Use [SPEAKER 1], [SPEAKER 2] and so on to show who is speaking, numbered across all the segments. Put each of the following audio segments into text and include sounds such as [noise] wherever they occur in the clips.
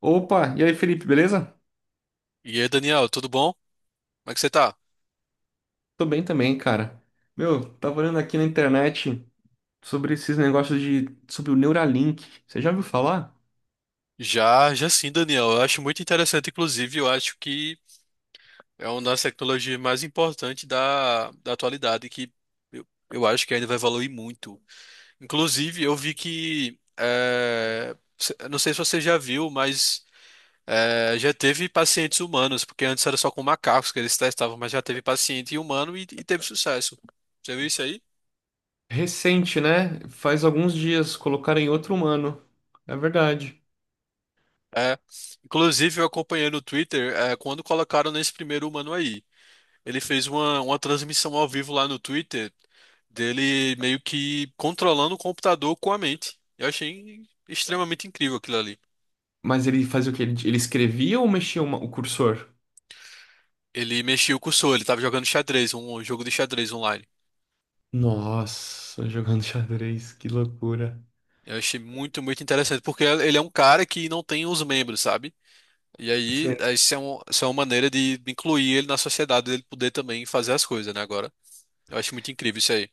[SPEAKER 1] Opa, e aí, Felipe, beleza?
[SPEAKER 2] E aí, Daniel, tudo bom? Como é que você tá?
[SPEAKER 1] Tô bem também, cara. Meu, tava olhando aqui na internet sobre esses sobre o Neuralink. Você já ouviu falar?
[SPEAKER 2] Já, já sim, Daniel. Eu acho muito interessante, inclusive, eu acho que é uma das tecnologias mais importantes da atualidade, que eu, eu acho que ainda vai evoluir muito. Inclusive, eu vi que, eu não sei se você já viu, mas já teve pacientes humanos, porque antes era só com macacos que eles testavam, mas já teve paciente humano e teve sucesso. Você viu isso aí?
[SPEAKER 1] Recente, né? Faz alguns dias colocaram em outro humano. É verdade.
[SPEAKER 2] É. Inclusive, eu acompanhei no Twitter, quando colocaram nesse primeiro humano aí. Ele fez uma transmissão ao vivo lá no Twitter dele meio que controlando o computador com a mente. Eu achei extremamente incrível aquilo ali.
[SPEAKER 1] Mas ele fazia o quê? Ele escrevia ou o cursor?
[SPEAKER 2] Ele mexia o cursor, ele estava jogando xadrez, um jogo de xadrez online.
[SPEAKER 1] Nossa, jogando xadrez, que loucura.
[SPEAKER 2] Eu achei muito interessante, porque ele é um cara que não tem os membros, sabe? E aí,
[SPEAKER 1] Sim.
[SPEAKER 2] essa é uma maneira de incluir ele na sociedade, ele poder também fazer as coisas, né, agora. Eu acho muito incrível isso aí.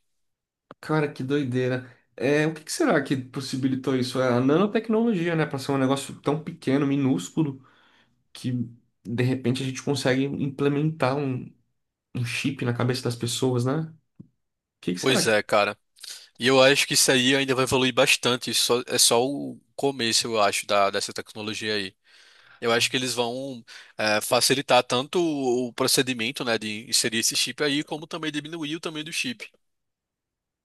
[SPEAKER 1] Cara, que doideira. É, o que que será que possibilitou isso? É a nanotecnologia, né? Pra ser um negócio tão pequeno, minúsculo, que de repente a gente consegue um chip na cabeça das pessoas, né? O que que
[SPEAKER 2] Pois
[SPEAKER 1] será?
[SPEAKER 2] é, cara. E eu acho que isso aí ainda vai evoluir bastante. É só o começo, eu acho, dessa tecnologia aí. Eu acho que eles vão facilitar tanto o procedimento, né, de inserir esse chip aí, como também diminuir o tamanho do chip,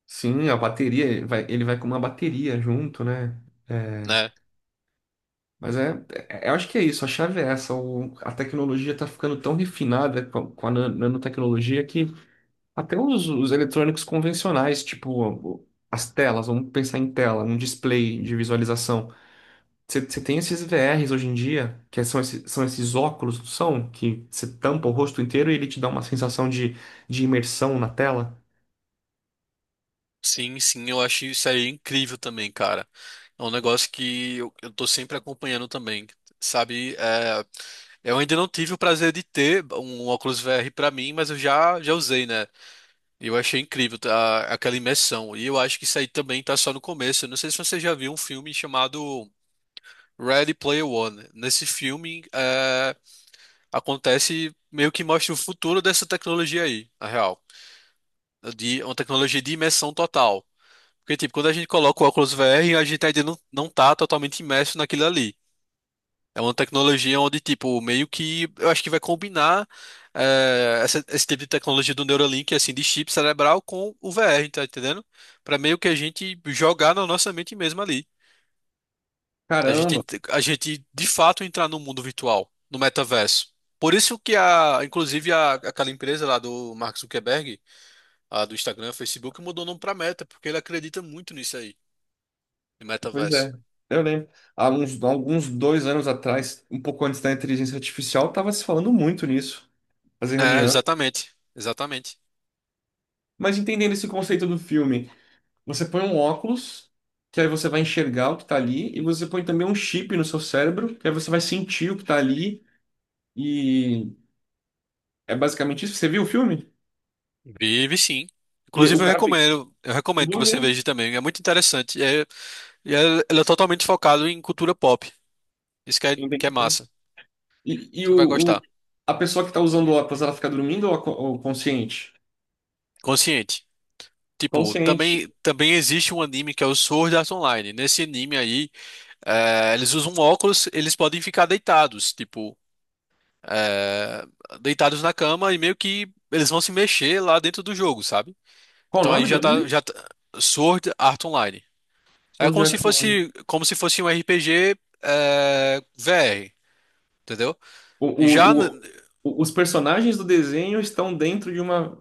[SPEAKER 1] Sim, a bateria, ele vai com uma bateria junto, né? É,
[SPEAKER 2] né?
[SPEAKER 1] eu acho que é isso, a chave é essa. A tecnologia está ficando tão refinada com a nanotecnologia que até os eletrônicos convencionais, tipo as telas, vamos pensar em tela, um display de visualização. Você tem esses VRs hoje em dia, que são esses óculos, não são? Que você tampa o rosto inteiro e ele te dá uma sensação de imersão na tela.
[SPEAKER 2] Sim, sim, eu acho isso aí incrível também, cara. É um negócio que eu tô sempre acompanhando também, sabe? Eu ainda não tive o prazer de ter um óculos VR pra mim, mas eu já usei, né? Eu achei incrível tá, aquela imersão. E eu acho que isso aí também tá só no começo. Eu não sei se você já viu um filme chamado Ready Player One. Acontece meio que mostra o futuro dessa tecnologia aí, na real. De uma tecnologia de imersão total. Porque, tipo, quando a gente coloca o óculos VR, a gente ainda não, não tá totalmente imerso naquilo ali. É uma tecnologia onde, tipo, meio que eu acho que vai combinar esse tipo de tecnologia do Neuralink, assim, de chip cerebral com o VR, tá entendendo? Pra meio que a gente jogar na nossa mente mesmo ali.
[SPEAKER 1] Caramba,
[SPEAKER 2] A gente de fato entrar no mundo virtual, no metaverso. Por isso que aquela empresa lá do Mark Zuckerberg, a do Instagram, Facebook, mudou o nome pra Meta, porque ele acredita muito nisso aí, no
[SPEAKER 1] pois
[SPEAKER 2] metaverso.
[SPEAKER 1] é. Eu lembro. Há alguns dois anos atrás, um pouco antes da inteligência artificial, estava se falando muito nisso, fazer
[SPEAKER 2] É,
[SPEAKER 1] reunião.
[SPEAKER 2] exatamente, exatamente.
[SPEAKER 1] Mas entendendo esse conceito do filme, você põe um óculos, que aí você vai enxergar o que está ali, e você põe também um chip no seu cérebro, que aí você vai sentir o que está ali, e é basicamente isso. Você viu o filme?
[SPEAKER 2] Vive sim.
[SPEAKER 1] E o
[SPEAKER 2] Inclusive,
[SPEAKER 1] cara,
[SPEAKER 2] eu
[SPEAKER 1] eu
[SPEAKER 2] recomendo que
[SPEAKER 1] vou
[SPEAKER 2] você
[SPEAKER 1] ver,
[SPEAKER 2] veja também. É muito interessante. Ela é totalmente focado em cultura pop. Isso que é
[SPEAKER 1] entendi.
[SPEAKER 2] massa.
[SPEAKER 1] E, e
[SPEAKER 2] Você vai
[SPEAKER 1] o, o-
[SPEAKER 2] gostar.
[SPEAKER 1] a pessoa que está usando óculos, ela fica dormindo ou, ou consciente?
[SPEAKER 2] Consciente. Tipo,
[SPEAKER 1] Consciente.
[SPEAKER 2] também existe um anime que é o Sword Art Online. Nesse anime aí, eles usam óculos, eles podem ficar deitados, tipo, é, deitados na cama e meio que eles vão se mexer lá dentro do jogo, sabe?
[SPEAKER 1] Qual o
[SPEAKER 2] Então aí
[SPEAKER 1] nome do livro?
[SPEAKER 2] já tá- Sword Art Online.
[SPEAKER 1] Sword Art Online.
[SPEAKER 2] Como se fosse um RPG VR, entendeu?
[SPEAKER 1] O,
[SPEAKER 2] E já
[SPEAKER 1] o,
[SPEAKER 2] n-
[SPEAKER 1] o- os personagens do desenho estão dentro de uma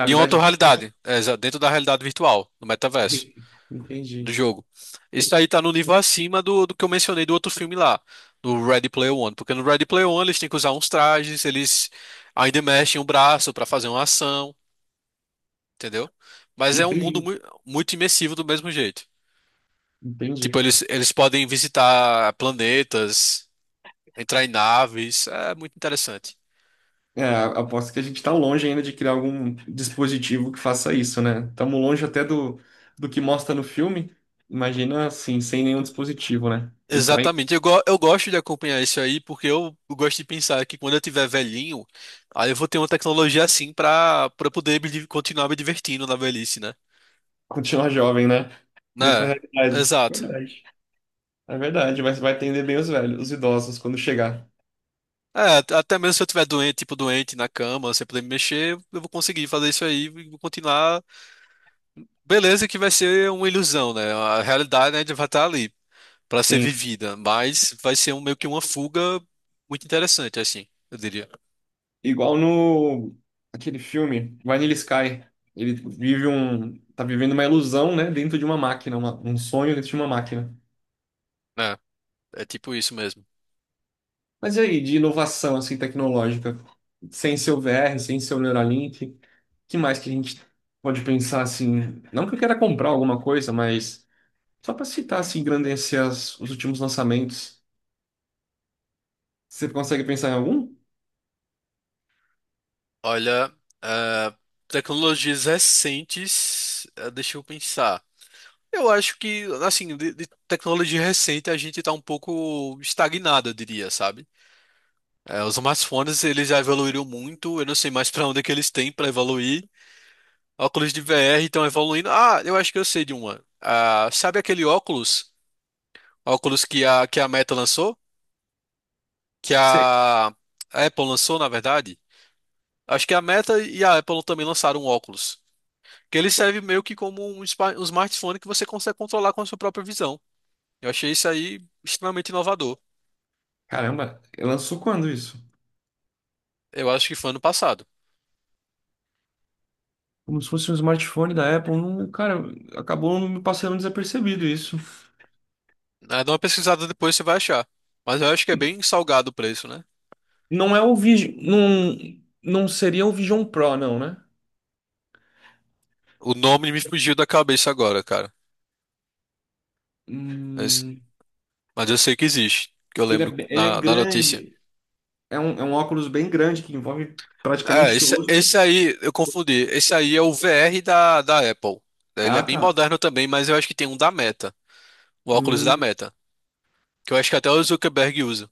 [SPEAKER 2] de outra realidade, dentro da realidade virtual, do metaverso,
[SPEAKER 1] Entendi.
[SPEAKER 2] do jogo. Isso aí tá no nível acima do que eu mencionei do outro filme lá, do Ready Player One. Porque no Ready Player One eles têm que usar uns trajes, eles ainda mexem o braço pra fazer uma ação, entendeu? Mas é um mundo
[SPEAKER 1] Entendi.
[SPEAKER 2] mui- Muito imersivo do mesmo jeito.
[SPEAKER 1] Entendi.
[SPEAKER 2] Tipo, eles podem visitar planetas, entrar em naves, é muito interessante.
[SPEAKER 1] É, aposto que a gente está longe ainda de criar algum dispositivo que faça isso, né? Estamos longe até do que mostra no filme. Imagina assim, sem nenhum dispositivo, né? Entrar.
[SPEAKER 2] Exatamente. Eu gosto de acompanhar isso aí porque eu gosto de pensar que quando eu tiver velhinho, aí eu vou ter uma tecnologia assim pra para continuar me divertindo na velhice, né?
[SPEAKER 1] Continuar jovem, né? Em outra
[SPEAKER 2] Né?
[SPEAKER 1] realidade.
[SPEAKER 2] Exato.
[SPEAKER 1] Verdade. É verdade, mas vai atender bem os velhos, os idosos, quando chegar.
[SPEAKER 2] Até mesmo se eu tiver doente, tipo doente na cama, sem poder me mexer, eu vou conseguir fazer isso aí e vou continuar. Beleza que vai ser uma ilusão, né? A realidade, né, vai estar ali pra ser
[SPEAKER 1] Sim.
[SPEAKER 2] vivida, mas vai ser meio que uma fuga muito interessante, assim, eu diria.
[SPEAKER 1] Igual no... Aquele filme, Vanilla Sky. Ele vive um... Tá vivendo uma ilusão, né? Dentro de uma máquina. Um sonho dentro de uma máquina.
[SPEAKER 2] É, é tipo isso mesmo.
[SPEAKER 1] Mas e aí, de inovação, assim, tecnológica? Sem seu VR, sem seu Neuralink. Que mais que a gente pode pensar, assim... Não que eu queira comprar alguma coisa, mas... Só para citar, assim, engrandecer os últimos lançamentos. Você consegue pensar em algum?
[SPEAKER 2] Olha, ah, tecnologias recentes, ah, deixa eu pensar. Eu acho que, assim, de tecnologia recente a gente tá um pouco estagnado, eu diria, sabe? Os smartphones, eles já evoluíram muito, eu não sei mais pra onde é que eles têm pra evoluir. Óculos de VR estão evoluindo. Ah, eu acho que eu sei de uma. Ah, sabe aquele óculos? Óculos que a Meta lançou? Que
[SPEAKER 1] Sei.
[SPEAKER 2] a A Apple lançou, na verdade? Acho que a Meta e a Apple também lançaram um óculos. Que ele serve meio que como um smartphone que você consegue controlar com a sua própria visão. Eu achei isso aí extremamente inovador.
[SPEAKER 1] Caramba, lançou quando isso?
[SPEAKER 2] Eu acho que foi ano passado.
[SPEAKER 1] Como se fosse um smartphone da Apple. Não, cara, acabou me passando desapercebido isso.
[SPEAKER 2] Ah, dá uma pesquisada depois, você vai achar. Mas eu acho que é bem salgado o preço, né?
[SPEAKER 1] Não é o Vision. Não, não seria o Vision Pro, não, né?
[SPEAKER 2] O nome me fugiu da cabeça agora, cara. Mas,
[SPEAKER 1] Hum,
[SPEAKER 2] mas eu sei que existe, que eu
[SPEAKER 1] que ele é,
[SPEAKER 2] lembro
[SPEAKER 1] ele é
[SPEAKER 2] da notícia.
[SPEAKER 1] grande. É um óculos bem grande que envolve praticamente o seu rosto.
[SPEAKER 2] Esse aí, eu confundi. Esse aí é o VR da Apple. Ele é
[SPEAKER 1] Ah,
[SPEAKER 2] bem
[SPEAKER 1] tá.
[SPEAKER 2] moderno também, mas eu acho que tem um da Meta. O óculos da Meta. Que eu acho que até o Zuckerberg usa.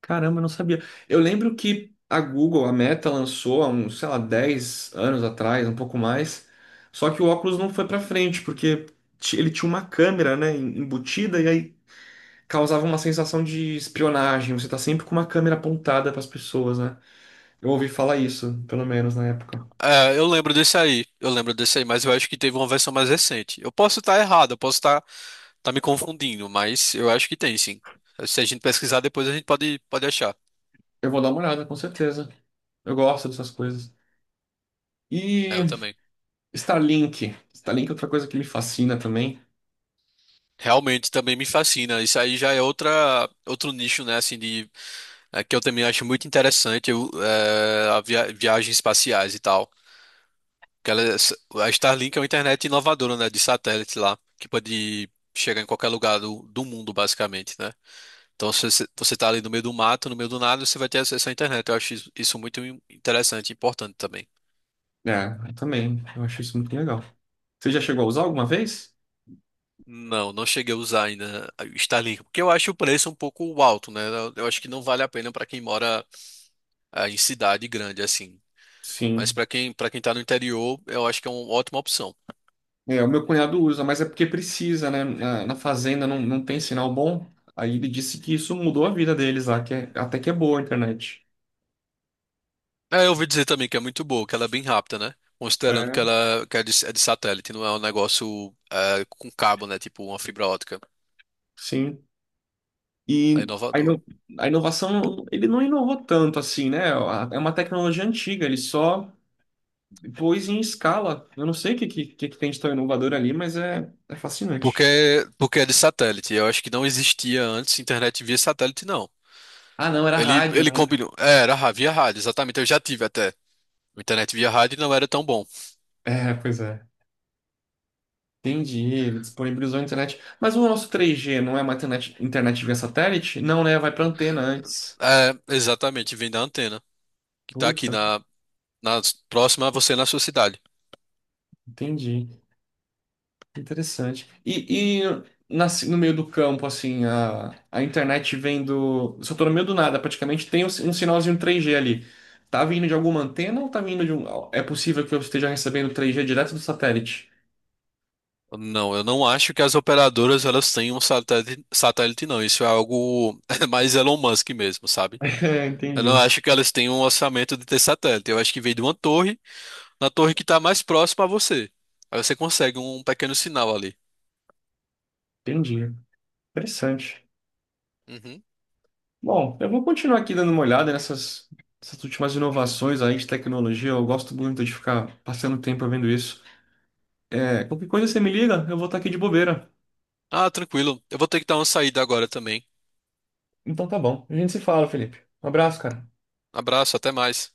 [SPEAKER 1] Caramba, eu não sabia. Eu lembro que a Google, a Meta, lançou há uns, sei lá, 10 anos atrás, um pouco mais. Só que o óculos não foi pra frente, porque ele tinha uma câmera, né, embutida, e aí causava uma sensação de espionagem. Você tá sempre com uma câmera apontada pras pessoas, né? Eu ouvi falar isso, pelo menos na época.
[SPEAKER 2] Eu lembro desse aí, mas eu acho que teve uma versão mais recente. Eu posso estar tá me confundindo, mas eu acho que tem sim. Se a gente pesquisar depois, a gente pode achar.
[SPEAKER 1] Eu vou dar uma olhada, com certeza. Eu gosto dessas coisas.
[SPEAKER 2] É,
[SPEAKER 1] E
[SPEAKER 2] eu também.
[SPEAKER 1] Starlink. Starlink é outra coisa que me fascina também.
[SPEAKER 2] Realmente também me fascina. Isso aí já é outra, outro nicho, né, assim, que eu também acho muito interessante, eu, é, a via- viagens espaciais e tal. Que ela, a Starlink é uma internet inovadora, né, de satélite lá, que pode chegar em qualquer lugar do mundo, basicamente, né? Então, se você tá ali no meio do mato, no meio do nada, você vai ter acesso à internet. Eu acho isso muito interessante e importante também.
[SPEAKER 1] É, eu também. Eu acho isso muito legal. Você já chegou a usar alguma vez?
[SPEAKER 2] Não, não cheguei a usar ainda o Starlink, porque eu acho o preço um pouco alto, né? Eu acho que não vale a pena para quem mora em cidade grande assim. Mas
[SPEAKER 1] Sim.
[SPEAKER 2] para quem tá no interior, eu acho que é uma ótima opção.
[SPEAKER 1] É, o meu cunhado usa, mas é porque precisa, né? Na fazenda não tem sinal bom. Aí ele disse que isso mudou a vida deles lá, até que é boa a internet.
[SPEAKER 2] É, eu ouvi dizer também que é muito boa, que ela é bem rápida, né? Considerando que
[SPEAKER 1] É,
[SPEAKER 2] ela que é é de satélite, não é um negócio com cabo, né? Tipo uma fibra ótica.
[SPEAKER 1] sim.
[SPEAKER 2] É
[SPEAKER 1] E a,
[SPEAKER 2] inovador.
[SPEAKER 1] ino- a inovação, ele não inovou tanto assim, né? É uma tecnologia antiga, ele só pôs em escala. Eu não sei o que, que tem de tão inovador ali, mas é, é fascinante.
[SPEAKER 2] Porque, porque é de satélite. Eu acho que não existia antes internet via satélite, não.
[SPEAKER 1] Ah, não, era rádio,
[SPEAKER 2] Ele
[SPEAKER 1] né?
[SPEAKER 2] combinou. Via rádio, exatamente. Eu já tive até. Internet via rádio não era tão bom.
[SPEAKER 1] É, pois é. Entendi, ele disponibilizou a internet. Mas o nosso 3G não é uma internet via satélite? Não, né? Vai para antena antes.
[SPEAKER 2] É, exatamente, vem da antena, que tá
[SPEAKER 1] Putz,
[SPEAKER 2] na próxima a você na sua cidade.
[SPEAKER 1] entendi. Interessante. No meio do campo, assim, a internet vem do. Só tô no meio do nada, praticamente tem um, um sinalzinho 3G ali. Tá vindo de alguma antena ou tá vindo de um. É possível que eu esteja recebendo 3G direto do satélite?
[SPEAKER 2] Não, eu não acho que as operadoras elas têm um satélite, não. Isso é algo [laughs] mais Elon Musk mesmo, sabe?
[SPEAKER 1] [laughs] É,
[SPEAKER 2] Eu não
[SPEAKER 1] entendi.
[SPEAKER 2] acho que elas tenham um orçamento de ter satélite. Eu acho que vem de uma torre, na torre que está mais próxima a você. Aí você consegue um pequeno sinal ali.
[SPEAKER 1] Entendi. Interessante.
[SPEAKER 2] Uhum.
[SPEAKER 1] Bom, eu vou continuar aqui dando uma olhada nessas, nessas últimas inovações aí de tecnologia. Eu gosto muito de ficar passando tempo vendo isso. É, qualquer coisa você me liga, eu vou estar aqui de bobeira.
[SPEAKER 2] Ah, tranquilo. Eu vou ter que dar uma saída agora também.
[SPEAKER 1] Então tá bom. A gente se fala, Felipe. Um abraço, cara.
[SPEAKER 2] Abraço, até mais.